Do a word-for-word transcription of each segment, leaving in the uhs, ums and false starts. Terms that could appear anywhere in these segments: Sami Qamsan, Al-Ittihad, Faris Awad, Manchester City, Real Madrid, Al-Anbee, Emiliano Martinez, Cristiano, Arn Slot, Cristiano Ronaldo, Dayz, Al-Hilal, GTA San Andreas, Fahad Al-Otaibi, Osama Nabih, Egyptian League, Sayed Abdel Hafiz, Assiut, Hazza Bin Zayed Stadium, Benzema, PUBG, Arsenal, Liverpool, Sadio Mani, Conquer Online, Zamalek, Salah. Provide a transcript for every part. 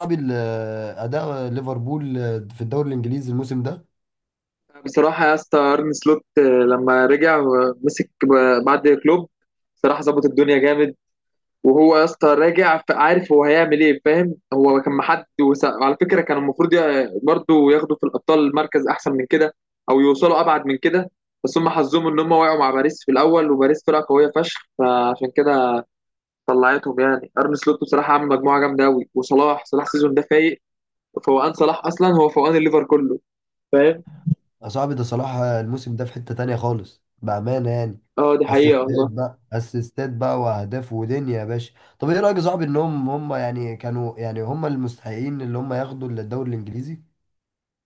صعب ال- اداء ليفربول في الدوري الانجليزي الموسم ده. بصراحة يا اسطى أرن سلوت آه، لما رجع ومسك ب- بعد كلوب. بصراحة ظبط الدنيا جامد. وهو يا اسطى راجع ف- عارف هو هيعمل ايه، فاهم؟ هو كان محد وس- وعلى فكرة كان المفروض ي- برضه ياخدوا في الأبطال مركز أحسن من كده، أو يوصلوا أبعد من كده. بس هم حظهم إن هم وقعوا مع باريس في الأول، وباريس فرقة قوية فشخ، فعشان كده طلعتهم. يعني أرن سلوت بصراحة عامل مجموعة جامدة أوي، وصلاح، صلاح السيزون ده فايق. فوقان صلاح أصلا هو فوقان الليفر كله، فاهم؟ صعب، ده صلاح الموسم ده في حتة تانية خالص بأمانة يعني. اه دي حقيقة اسيستات والله. بقى، اسيستات بقى، واهداف ودنيا يا باشا. طب ايه رأيك يا صاحبي ان هم هم يعني كانوا، يعني هم المستحقين اللي هم ياخدوا الدوري الانجليزي؟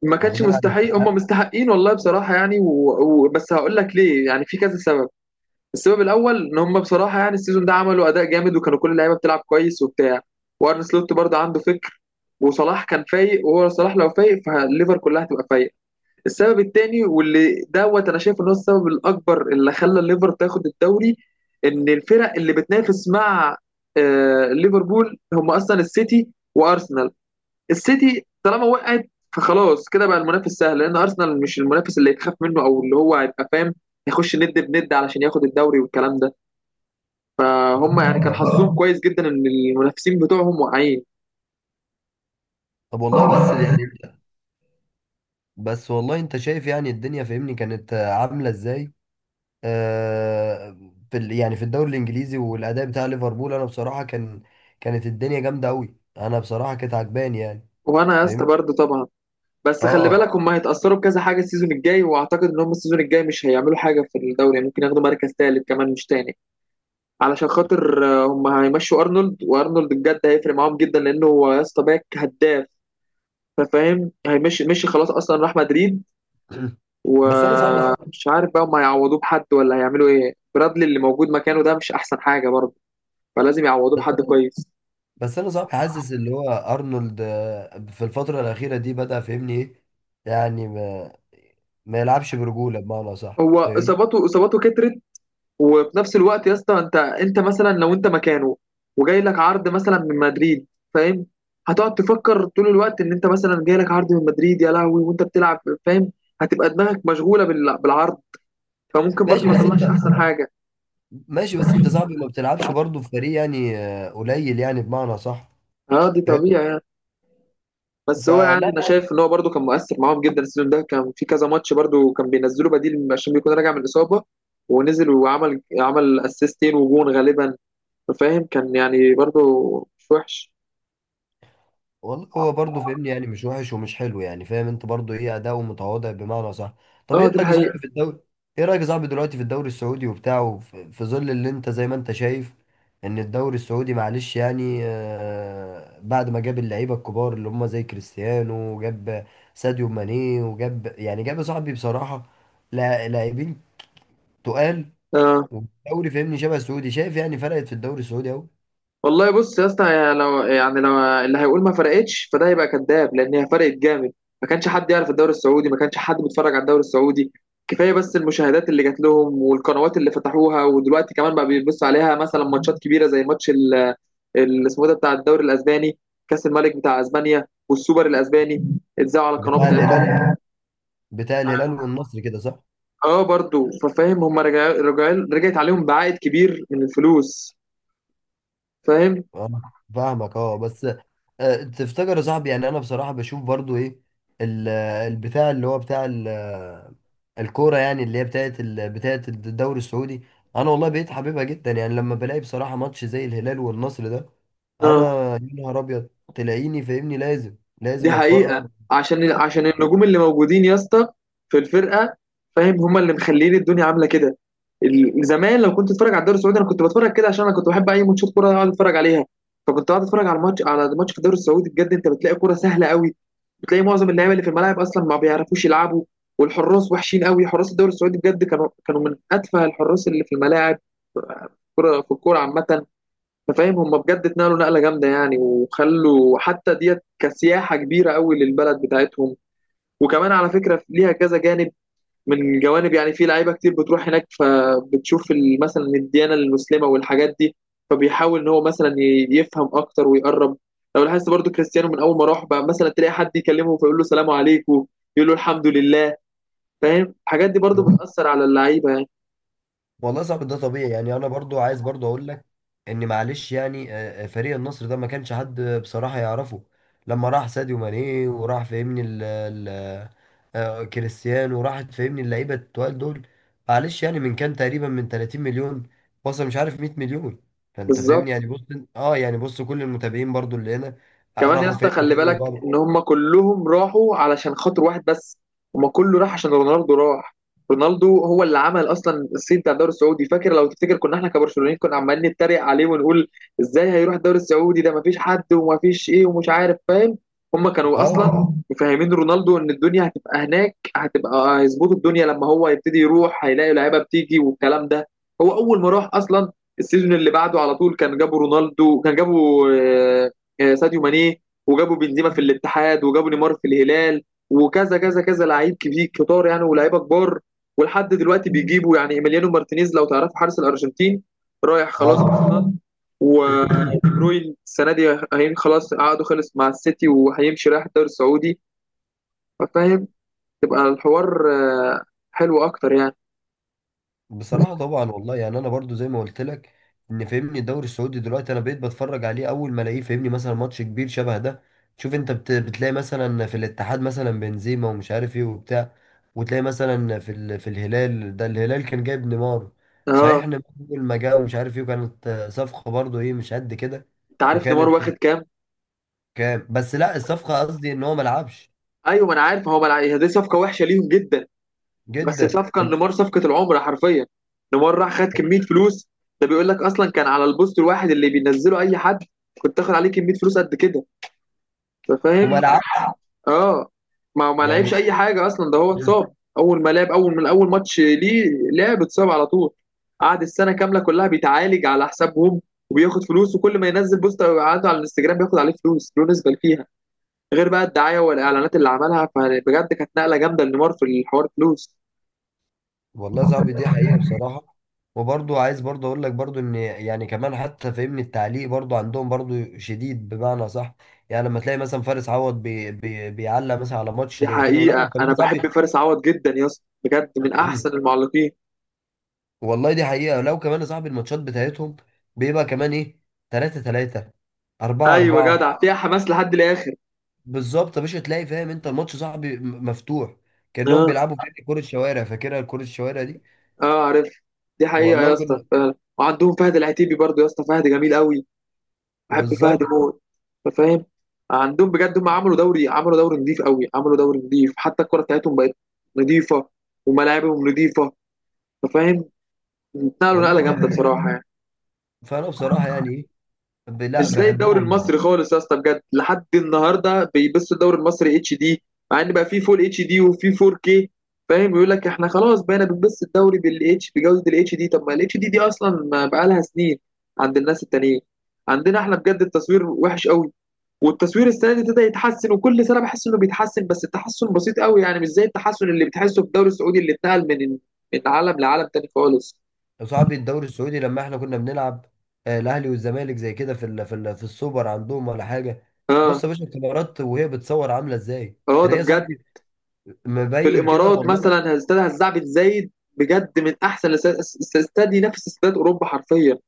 ما كانش واخدين على مستحيل هم الاستحقاق. مستحقين والله، بصراحة يعني، و... و... بس هقول لك ليه، يعني في كذا سبب. السبب الأول إن هم بصراحة يعني السيزون ده عملوا أداء جامد، وكانوا كل اللعيبة بتلعب كويس وبتاع، وأرن سلوت برضه عنده فكر، وصلاح كان فايق، وهو صلاح لو فايق فالليفر كلها هتبقى فايقة. السبب التاني واللي دوت أنا شايف إن هو السبب الأكبر اللي خلى الليفر تاخد الدوري، إن الفرق اللي بتنافس مع آه ليفربول هم أصلا السيتي وأرسنال. السيتي طالما وقعت فخلاص كده بقى المنافس سهل، لان ارسنال مش المنافس اللي يتخاف منه، او اللي هو هيبقى فاهم يخش ند بند علشان ياخد الدوري والكلام ده. فهم يعني كان آه. حظهم اه كويس جدا ان المنافسين بتوعهم واقعين. طب والله، بس يعني انت بس والله انت شايف يعني الدنيا فاهمني كانت عاملة ازاي؟ آه، في ال- يعني في الدوري الانجليزي والاداء بتاع ليفربول، انا بصراحه كان كانت الدنيا جامده قوي، انا بصراحه كانت عجباني يعني، وانا يا اسطى فاهمني. برضه طبعا. بس خلي اه. بالك هم هيتاثروا بكذا حاجه السيزون الجاي، واعتقد ان هم السيزون الجاي مش هيعملوا حاجه في الدوري، يعني ممكن ياخدوا مركز ثالث كمان مش تاني. علشان خاطر آه، هم هيمشوا ارنولد، وارنولد بجد هيفرق معاهم جدا، لانه هو يا اسطى باك هداف، فاهم؟ هيمشي مشي خلاص اصلا راح مدريد. بس انا صعب ومش عارف بقى هم هيعوضوه بحد ولا هيعملوا ايه، برادلي اللي موجود مكانه ده مش احسن حاجه برضه، فلازم يعوضوه بحد كويس. بس انا صعب حاسس اللي هو ارنولد، آه، في الفتره الاخيره دي بدا فاهمني ايه؟ يعني ما, ما يلعبش برجوله بمعنى صح، هو فاهم؟ اصاباته اصاباته كترت، وفي نفس الوقت يا اسطى انت، انت مثلا لو انت مكانه وجاي لك عرض مثلا من مدريد، فاهم؟ هتقعد تفكر طول الوقت ان انت مثلا جاي لك عرض من مدريد يا لهوي وانت بتلعب، فاهم؟ هتبقى دماغك مشغوله بال- بالعرض، فممكن برضه ماشي ما بس تطلعش انت احسن حاجه. ماشي بس انت صعب ما بتلعبش برضه في فريق يعني، آه، قليل يعني، بمعنى صح، اه دي فاهم؟ طبيعي. بس هو يعني انا فلا، شايف ان هو برده كان مؤثر معاهم جدا، السيزون ده كان في كذا ماتش برده كان بينزله بديل عشان بيكون راجع من الاصابه، ونزل وعمل عمل اسيستين وجون غالبا، فاهم؟ كان يعني برده مش وحش. والله هو برضه فاهمني، يعني مش وحش ومش حلو يعني، فاهم انت، برضه ايه، اداؤه متواضع بمعنى صح. طب اه ايه دي رايك يا صاحبي في الحقيقه. الدوري ايه رايك يا صاحبي دلوقتي في الدوري السعودي وبتاعه، في في ظل اللي انت زي ما انت شايف، ان الدوري السعودي معلش يعني، آه، بعد ما جاب اللعيبه الكبار اللي هم زي كريستيانو، وجاب ساديو ماني، وجاب يعني جاب يا صاحبي بصراحه لا- لاعبين تقال. آه. والدوري فاهمني شبه السعودي، شايف يعني، فرقت في الدوري السعودي اهو. والله بص يا اسطى، يا لو يعني لو اللي هيقول ما فرقتش فده هيبقى كذاب، لان هي فرقت جامد. ما كانش حد يعرف الدوري السعودي، ما كانش حد بيتفرج على الدوري السعودي. كفايه بس المشاهدات اللي جات لهم والقنوات اللي فتحوها، ودلوقتي كمان بقى بيبص عليها مثلا ماتشات كبيره، زي ماتش اللي اسمه إيه ده بتاع الدوري الاسباني، كاس الملك بتاع اسبانيا والسوبر الاسباني اتذاعوا على القناه بتاع بتاعتهم. الهلال بتاع الهلال والنصر كده صح؟ اه برضو ففاهم هم رجع رجع رجعت عليهم بعائد كبير من الفلوس، فاهم؟ اه، فاهمك، اه بس آه، تفتكر يا صاحبي، يعني انا بصراحه بشوف برضو ايه، ال- البتاع اللي هو بتاع ال- الكوره، يعني اللي هي بتاعت ال- بتاعت الدوري السعودي؟ انا والله بقيت حاببها جدا يعني، لما بلاقي بصراحه ماتش زي الهلال والنصر ده، انا اه يا نهار ابيض تلاقيني فاهمني، لازم، دي لازم اتفرج. حقيقة. عشان عشان النجوم اللي موجودين يا اسطى في الفرقة، فاهم؟ هما اللي مخلين الدنيا عاملة كده. ال- زمان لو كنت اتفرج على الدوري السعودي انا كنت بتفرج كده، عشان انا كنت بحب اي ماتشات كورة اقعد اتفرج عليها. فكنت قاعد اتفرج على الماتش، على الماتش في الدوري السعودي بجد انت بتلاقي كورة سهلة قوي. بتلاقي معظم اللعيبه اللي في الملاعب اصلا ما بيعرفوش يلعبوا، والحراس وحشين قوي. حراس الدوري السعودي بجد كانوا كانوا من اتفه الحراس اللي في الملاعب، في الكوره، في الكوره عامه. انت فاهم هم بجد اتنقلوا نقله جامده يعني، وخلوا حتى ديت كسياحه كبيره قوي للبلد بتاعتهم. وكمان على فكره ليها كذا جانب من جوانب، يعني في لعيبه كتير بتروح هناك فبتشوف ال- مثلا الديانه المسلمه والحاجات دي، فبيحاول ان هو مثلا ي- يفهم اكتر ويقرب. لو لاحظت برضو كريستيانو من اول ما راح بقى مثلا تلاقي حد يكلمه فيقول له سلام عليكم، يقول له الحمد لله، فاهم؟ الحاجات دي برضو بتاثر على اللعيبه يعني. والله صعب ده طبيعي يعني، انا برضو عايز برضو اقول لك ان معلش يعني آه، آه، فريق النصر ده ما كانش حد بصراحة يعرفه. لما راح ساديو ماني وراح فاهمني ال ال آه، كريستيانو، وراحت فاهمني اللعيبة التقال دول، معلش يعني من كان تقريبا من ثلاثين مليون وصل مش عارف مية مليون. فانت بالظبط. فاهمني يعني، بص اه يعني بص كل المتابعين برضو اللي هنا آه، كمان يا راحوا اسطى فاهمني خلي تابعوا بالك بعض. ان هم كلهم راحوا علشان خاطر واحد بس، هم كله راح عشان رونالدو راح. رونالدو هو اللي عمل اصلا الصيت بتاع الدوري السعودي. فاكر لو تفتكر كنا احنا كبرشلونيين كنا عمالين نتريق عليه ونقول ازاي هيروح الدوري السعودي ده، مفيش حد، ومفيش ايه، ومش عارف، فاهم؟ هم كانوا اه، اصلا مفهمين رونالدو ان الدنيا هتبقى هناك، هتبقى هيظبطوا الدنيا لما هو يبتدي يروح هيلاقي لعيبه بتيجي والكلام ده. هو اول ما راح اصلا، السيزون اللي بعده على طول كان جابوا رونالدو، كان جابوا آه، آه، ساديو ماني، وجابوا بنزيما في الاتحاد، وجابوا نيمار في الهلال، وكذا كذا كذا لعيب كبير كتار يعني ولاعيبه كبار. ولحد دلوقتي بيجيبوا، يعني ايميليانو مارتينيز لو تعرفوا حارس الارجنتين، رايح خلاص اه طبعا. اصلا. ودي بروين السنه دي، هين خلاص عقده خلص مع السيتي وهيمشي رايح الدوري السعودي، فاهم؟ تبقى الحوار آه، حلو اكتر يعني. بصراحة طبعا والله، يعني انا برضو زي ما قلت لك، ان فاهمني الدوري السعودي دلوقتي انا بقيت بتفرج عليه اول ما الاقيه فاهمني مثلا ماتش كبير شبه ده. شوف انت بت... بتلاقي مثلا في الاتحاد مثلا بنزيما ومش عارف ايه وبتاع، وتلاقي مثلا في ال... في الهلال، ده الهلال كان جايب نيمار. اه صحيح ان اول ما جه ومش عارف ايه، وكانت صفقة برضو ايه مش قد كده. انت عارف نيمار وكانت واخد كام؟ كام، بس لا، الصفقة قصدي ان هو ما لعبش ايوه ما انا عارف، هو ملع... دي صفقه وحشه ليهم جدا، بس جدا، صفقه نيمار صفقه العمر حرفيا. نيمار راح خد كميه فلوس، ده بيقول لك اصلا كان على البوست الواحد اللي بينزله اي حد كنت تاخد عليه كميه فلوس قد كده، انت وما فاهم؟ لعبش اه. ما ما لعبش يعني. اي حاجه اصلا، ده هو اتصاب اول ما لعب، اول من اول ماتش ليه لعب اتصاب على طول، قعد السنه كامله كلها بيتعالج على حسابهم، وبياخد فلوس، وكل ما ينزل بوست عنده على الانستجرام بياخد عليه فلوس، له نسبه فيها، غير بقى الدعايه والاعلانات اللي عملها. فبجد كانت نقله جامده لنيمار في الحوار فلوس. والله صعب دي حقيقة بصراحة. وبرضو عايز برضو اقول لك برضو ان يعني كمان، حتى فاهمني التعليق برضو عندهم برضو شديد بمعنى صح. يعني لما تلاقي مثلا فارس عوض بي بي بيعلق مثلا على ماتش دي زي كده، ولا حقيقة، وكمان أنا يا بحب صاحبي. فارس عوض جدا يا اسطى، بجد من أحسن المعلقين. والله دي حقيقة، لو كمان يا صاحبي الماتشات بتاعتهم بيبقى كمان ايه، ثلاثة ثلاثة، 4 أيوة 4 جدع، فيها حماس لحد الآخر. بالظبط يا باشا، تلاقي فاهم انت الماتش صاحبي م- مفتوح، كأنهم أه، بيلعبوا في كرة شوارع، فاكرها كرة الشوارع دي. أه عارف. دي حقيقة يا والله اسطى كنا، فعلا. وعندهم فهد العتيبي برضو يا اسطى، فهد جميل قوي، بحب فهد بالظبط، موت، أنت فاهم؟ عندهم بجد هم عملوا دوري، عملوا دوري نضيف قوي عملوا دوري نضيف، حتى الكرة بتاعتهم بقت نضيفة، وملاعبهم نضيفة. أنت فاهم؟ نقلوا والله نقلة دي جامدة حقيقة. بصراحة يعني. فانا بصراحه يعني إيه، ب- مش لا زي الدوري بحبهم يعني. المصري خالص يا اسطى بجد، لحد النهارده بيبصوا الدوري المصري اتش دي، مع ان بقى فيه فول اتش دي وفيه فور كي، فاهم؟ يقول لك احنا خلاص بقينا بنبص الدوري بالاتش بجوده الاتش دي، طب ما الاتش دي دي اصلا ما بقى لها سنين عند الناس التانيين. عندنا احنا بجد التصوير وحش قوي، والتصوير السنه دي ابتدى يتحسن، وكل سنه بحس انه بيتحسن، بس التحسن بسيط قوي يعني، مش زي التحسن اللي بتحسه في الدوري السعودي اللي اتنقل من من عالم لعالم تاني خالص. صاحبي الدوري السعودي لما احنا كنا بنلعب، آه، الاهلي والزمالك زي كده، في ال في ال في السوبر عندهم ولا حاجه. اه. بص يا باشا الكاميرات وهي بتصور عامله ازاي، اه ده تلاقي يا بجد. صاحبي في مبين كده، الامارات والله لا. مثلا استاد هزاع بن زايد، بجد من احسن الاستاد، استاد ينافس استاد اوروبا حرفيا،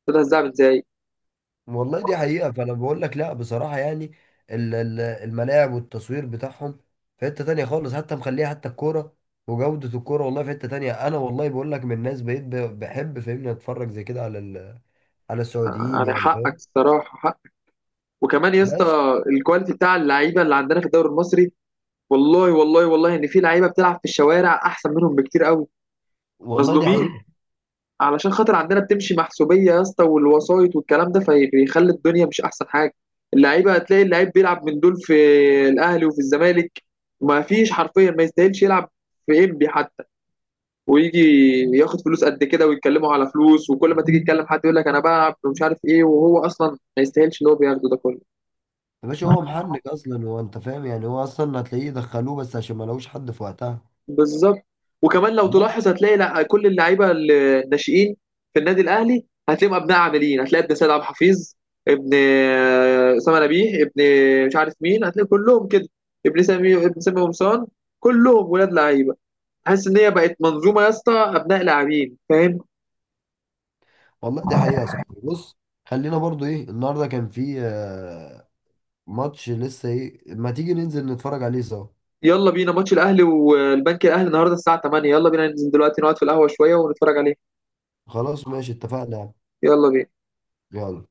استاد هزاع بن زايد. والله دي حقيقه، فانا بقول لك لا بصراحه يعني، ال- ال- الملاعب والتصوير بتاعهم في حته تانية خالص، حتى مخليها حتى الكوره وجوده الكوره والله في حته تانية. انا والله بقول لك، من الناس بقيت ب- بحب فاهمني اتفرج زي كده على ال- على آه، السعوديين يعني يعني، حقك، فاهم. الصراحه حق. وكمان يا اسطى بس الكواليتي بتاع اللعيبه اللي عندنا في الدوري المصري، والله والله والله ان في لعيبه بتلعب في الشوارع احسن منهم بكتير قوي. والله دي مظلومين. حقيقه علشان خاطر عندنا بتمشي محسوبيه يا اسطى والوسايط والكلام ده، فبيخلي الدنيا مش احسن حاجه. اللعيبه هتلاقي اللعيب بيلعب من دول في الاهلي وفي الزمالك، ما فيش حرفيا ما يستاهلش يلعب في انبي حتى، ويجي ياخد فلوس قد كده، ويتكلموا على فلوس، وكل ما تيجي تكلم حد يقول لك انا بلعب ومش عارف ايه، وهو اصلا ما يستاهلش اللي هو بياخده ده كله. يا باشا، هو محنك اصلا هو، انت فاهم يعني، هو اصلا هتلاقيه دخلوه بس عشان ما لقوش حد في وقتها. بالظبط. وكمان لو بس تلاحظ هتلاقي لا كل اللعيبه الناشئين في النادي الاهلي هتلاقيهم ابناء، عاملين هتلاقي ابن سيد عبد الحفيظ، ابن آه، اسامه نبيه، ابن مش عارف مين، هتلاقي كلهم كده، ابن سامي ابن سامي قمصان، كلهم ولاد لعيبه. حاسس ان هي بقت منظومه يا اسطى، ابناء لاعبين، فاهم؟ والله دي حقيقه يا صاحبي، بص، خلينا برضو ايه، النهارده كان في آه، ماتش لسه ايه، ما تيجي ننزل نتفرج عليه سوا. يلا بينا ماتش الاهلي والبنك الاهلي النهارده الساعه تمانية، يلا بينا ننزل دلوقتي نقعد في القهوه شويه ونتفرج عليه. خلاص ماشي، اتفقنا يعني. يلا بينا. يلا.